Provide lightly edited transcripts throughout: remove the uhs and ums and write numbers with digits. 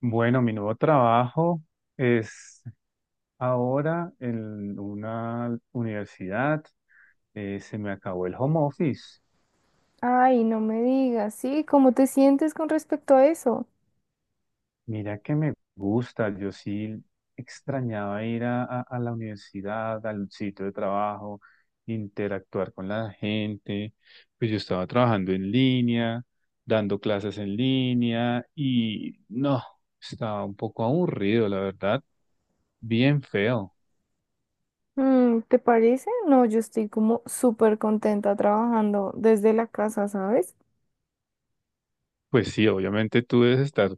Bueno, mi nuevo trabajo es ahora en una universidad. Se me acabó el home office. Ay, no me digas, ¿sí? ¿Cómo te sientes con respecto a eso? Mira que me gusta. Yo sí extrañaba ir a la universidad, al sitio de trabajo, interactuar con la gente. Pues yo estaba trabajando en línea, dando clases en línea y no, estaba un poco aburrido, la verdad, bien feo. ¿Te parece? No, yo estoy como súper contenta trabajando desde la casa, ¿sabes? Pues sí, obviamente tú debes estar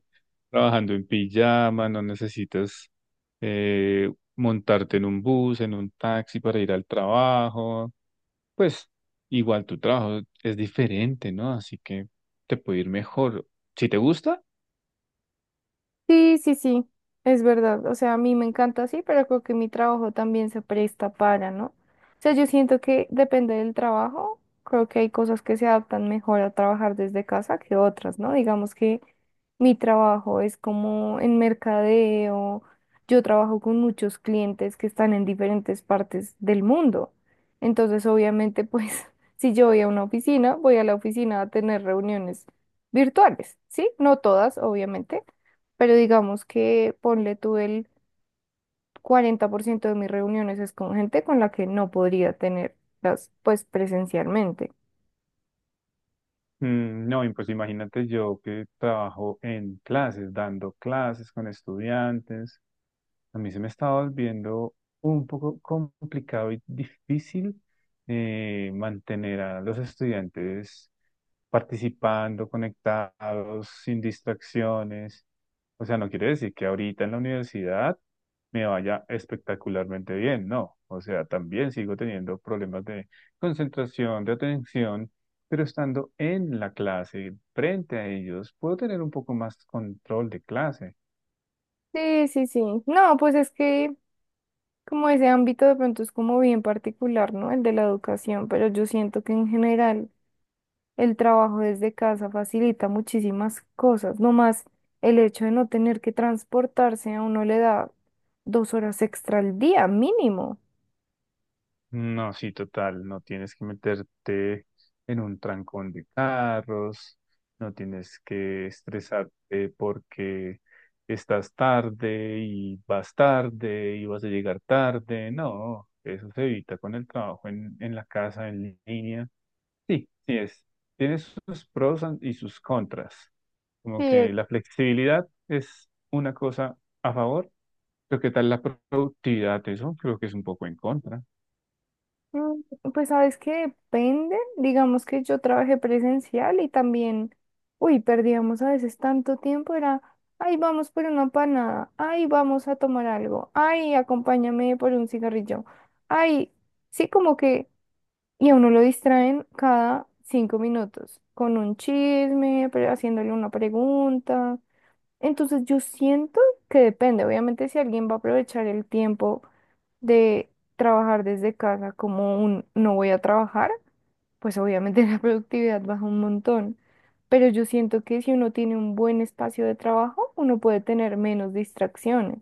trabajando en pijama, no necesitas eh, montarte en un bus, en un taxi para ir al trabajo. Pues igual tu trabajo es diferente, ¿no? Así que te puede ir mejor. Si te gusta, Sí, sí, sí, es verdad. O sea, a mí me encanta así, pero creo que mi trabajo también se presta para, ¿no? O sea, yo siento que depende del trabajo. Creo que hay cosas que se adaptan mejor a trabajar desde casa que otras, ¿no? Digamos que mi trabajo es como en mercadeo. Yo trabajo con muchos clientes que están en diferentes partes del mundo. Entonces, obviamente, pues, si yo voy a una oficina, voy a la oficina a tener reuniones virtuales, ¿sí? No todas, obviamente, pero digamos que ponle tú el 40% de mis reuniones es con gente con la que no podría tenerlas pues presencialmente. mm, no, y pues imagínate yo que trabajo en clases, dando clases con estudiantes. A mí se me estaba volviendo un poco complicado y difícil, mantener a los estudiantes participando, conectados, sin distracciones. O sea, no quiere decir que ahorita en la universidad me vaya espectacularmente bien, no. O sea, también sigo teniendo problemas de concentración, de atención, pero estando en la clase, frente a ellos, puedo tener un poco más control de clase. Sí, sí, sí. No, pues es que como ese ámbito de pronto es como bien particular, ¿no? El de la educación, pero yo siento que en general el trabajo desde casa facilita muchísimas cosas. No más el hecho de no tener que transportarse a uno le da 2 horas extra al día mínimo. No, sí, total, no tienes que meterte en un trancón de carros, no tienes que estresarte porque estás tarde y vas a llegar tarde, no, eso se evita con el trabajo en la casa, en línea. Sí, sí es, tiene sus y sus contras, como Sí. que la flexibilidad es una cosa a favor, pero ¿qué tal la productividad? Eso creo que es un poco en contra. Mm, Pues sabes que depende, digamos que yo trabajé presencial y también, uy, perdíamos a veces tanto tiempo, era, ay, vamos por una panada, ay, vamos a tomar algo, ay, acompáñame por un cigarrillo, ay, sí, como que, y a uno lo distraen cada 5 minutos con un chisme, haciéndole una pregunta. Entonces yo siento que depende, obviamente si alguien va a aprovechar el tiempo de trabajar desde casa como un no voy a trabajar, pues obviamente la productividad baja un montón. Pero yo siento que si uno tiene un buen espacio de trabajo, uno puede tener menos distracciones.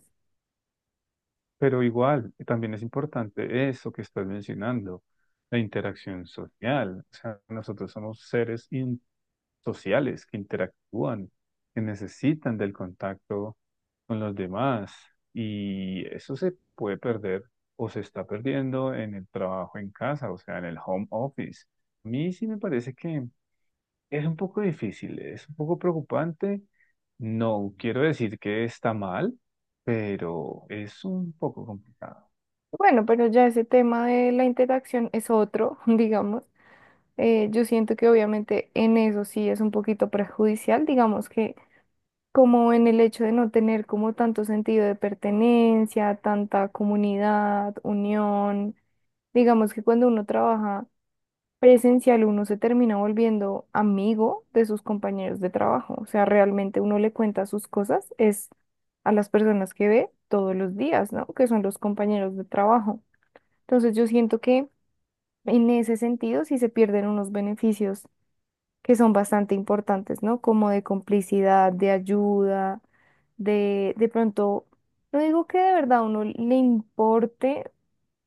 Pero igual, también es importante eso que estás mencionando, la interacción social. O sea, nosotros somos sociales que interactúan, que necesitan del contacto con los demás. Y eso se puede perder o se está perdiendo en el trabajo en casa, o sea, en el home office. A mí sí me parece que es un poco difícil, es un poco preocupante. No quiero decir que está mal, pero es un poco complicado. Bueno, pero ya ese tema de la interacción es otro, digamos. Yo siento que obviamente en eso sí es un poquito perjudicial, digamos que como en el hecho de no tener como tanto sentido de pertenencia, tanta comunidad, unión. Digamos que cuando uno trabaja presencial uno se termina volviendo amigo de sus compañeros de trabajo. O sea, realmente uno le cuenta sus cosas, es a las personas que ve todos los días, ¿no? Que son los compañeros de trabajo. Entonces yo siento que en ese sentido sí se pierden unos beneficios que son bastante importantes, ¿no? Como de complicidad, de ayuda, de pronto, no digo que de verdad uno le importe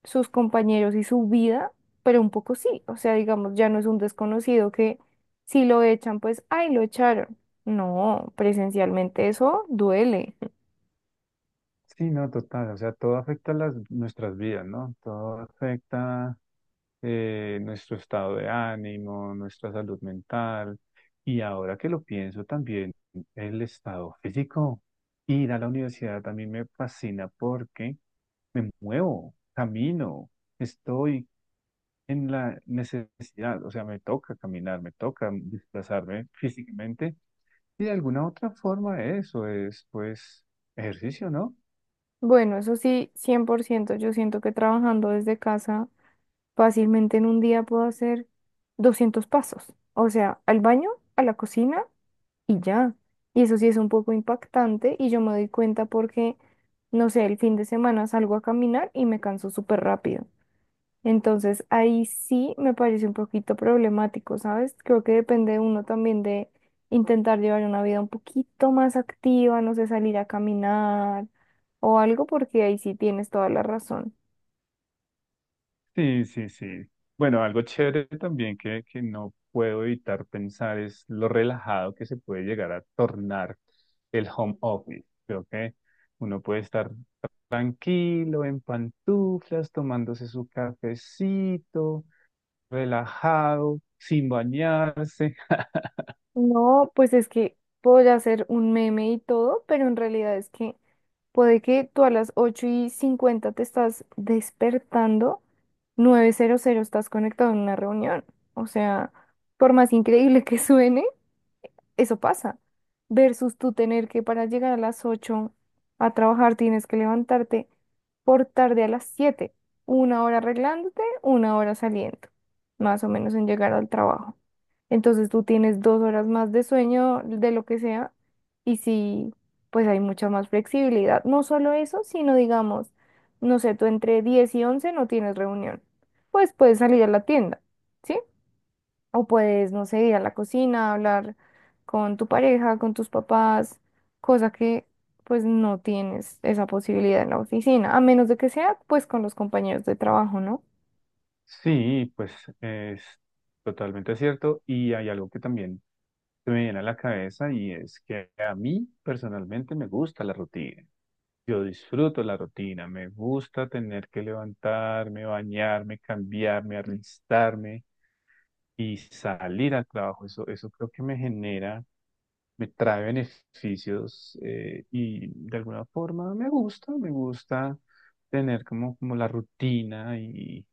sus compañeros y su vida, pero un poco sí, o sea, digamos, ya no es un desconocido que si lo echan, pues, ay, lo echaron. No, presencialmente eso duele. Sí, no, total, o sea, todo afecta nuestras vidas, ¿no? Todo afecta, nuestro estado de ánimo, nuestra salud mental y ahora que lo pienso también, el estado físico. Ir a la universidad también me fascina porque me muevo, camino, estoy en la necesidad, o sea, me toca caminar, me toca desplazarme físicamente y de alguna otra forma eso es pues ejercicio, ¿no? Bueno, eso sí, 100%. Yo siento que trabajando desde casa, fácilmente en un día puedo hacer 200 pasos, o sea, al baño, a la cocina y ya. Y eso sí es un poco impactante y yo me doy cuenta porque, no sé, el fin de semana salgo a caminar y me canso súper rápido. Entonces, ahí sí me parece un poquito problemático, ¿sabes? Creo que depende uno también de intentar llevar una vida un poquito más activa, no sé, salir a caminar o algo, porque ahí sí tienes toda la razón. Sí, sí, sí. Bueno, algo chévere también que no puedo evitar pensar es lo relajado que se puede llegar a tornar el home office. Creo que uno puede estar tranquilo, en pantuflas, tomándose su cafecito, relajado, sin bañarse. No, pues es que puedo hacer un meme y todo, pero en realidad es que puede que tú a las 8:50 te estás despertando, 9:00 estás conectado en una reunión. O sea, por más increíble que suene. Eso pasa. Versus tú tener que para llegar a las 8 a trabajar tienes que levantarte por tarde a las 7, una hora arreglándote, una hora saliendo, más o menos en llegar al trabajo. Entonces tú tienes 2 horas más de sueño, de lo que sea, y sí, pues hay mucha más flexibilidad. No solo eso, sino digamos, no sé, tú entre 10 y 11 no tienes reunión, pues puedes salir a la tienda, ¿sí? O puedes, no sé, ir a la cocina, hablar con tu pareja, con tus papás, cosa que pues no tienes esa posibilidad en la oficina, a menos de que sea pues con los compañeros de trabajo, ¿no? Sí, pues es totalmente cierto. Y hay algo que también se me viene a la cabeza y es que a mí personalmente me gusta la rutina. Yo disfruto la rutina, me gusta tener que levantarme, bañarme, cambiarme, arristarme y salir al trabajo. Eso creo que me genera, me trae beneficios, y de alguna forma me gusta tener como la rutina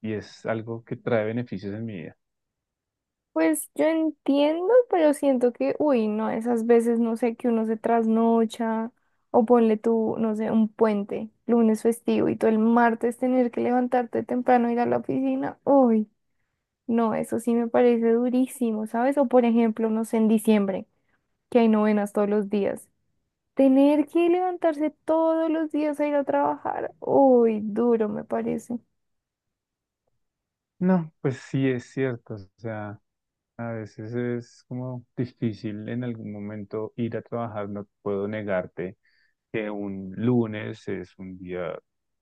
y es algo que trae beneficios en mi vida. Pues yo entiendo, pero siento que, uy, no, esas veces, no sé, que uno se trasnocha o ponle tú, no sé, un puente, lunes festivo y tú el martes tener que levantarte temprano, ir a la oficina, uy, no, eso sí me parece durísimo, ¿sabes? O por ejemplo, no sé, en diciembre, que hay novenas todos los días. Tener que levantarse todos los días a ir a trabajar, uy, duro me parece. No, pues sí es cierto, o sea. A veces es como difícil en algún momento ir a trabajar, no puedo negarte que un lunes es un día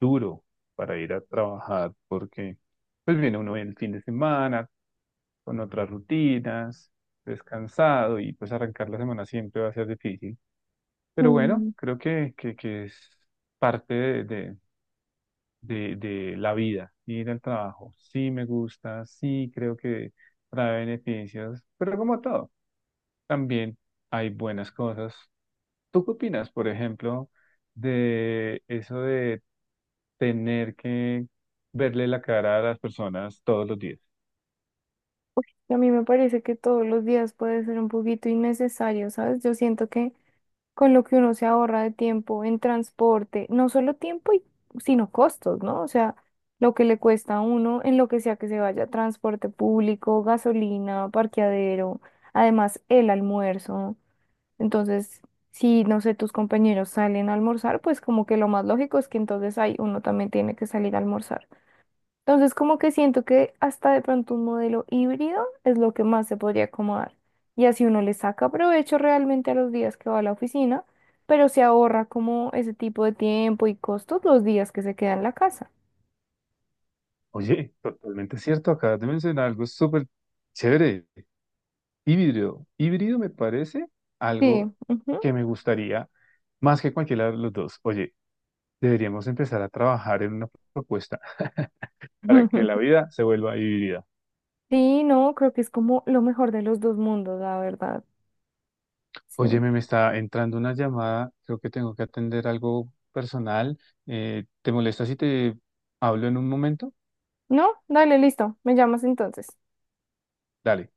duro para ir a trabajar porque pues viene uno el fin de semana con otras rutinas, descansado y pues arrancar la semana siempre va a ser difícil. Pero bueno, Mm, creo que es parte de la vida, ir al trabajo. Sí me gusta, sí creo que trae beneficios, pero como todo también hay buenas cosas. ¿Tú qué opinas, por ejemplo, de eso de tener que verle la cara a las personas todos los días? Y a mí me parece que todos los días puede ser un poquito innecesario, ¿sabes? Yo siento que con lo que uno se ahorra de tiempo en transporte, no solo tiempo, sino costos, ¿no? O sea, lo que le cuesta a uno en lo que sea que se vaya, transporte público, gasolina, parqueadero, además el almuerzo. Entonces, si, no sé, tus compañeros salen a almorzar, pues como que lo más lógico es que entonces ahí uno también tiene que salir a almorzar. Entonces, como que siento que hasta de pronto un modelo híbrido es lo que más se podría acomodar. Y así uno le saca provecho realmente a los días que va a la oficina, pero se ahorra como ese tipo de tiempo y costos los días que se queda en la casa. Oye, totalmente cierto, acabas de mencionar algo súper chévere. Híbrido. Híbrido me parece Sí, algo que ujú. me gustaría más que cualquiera de los dos. Oye, deberíamos empezar a trabajar en una propuesta para que la vida se vuelva híbrida. Sí, no, creo que es como lo mejor de los dos mundos, la verdad. Sí. Óyeme, me está entrando una llamada, creo que tengo que atender algo personal. ¿Te molesta si te hablo en un momento? No, dale, listo. Me llamas entonces. Dale.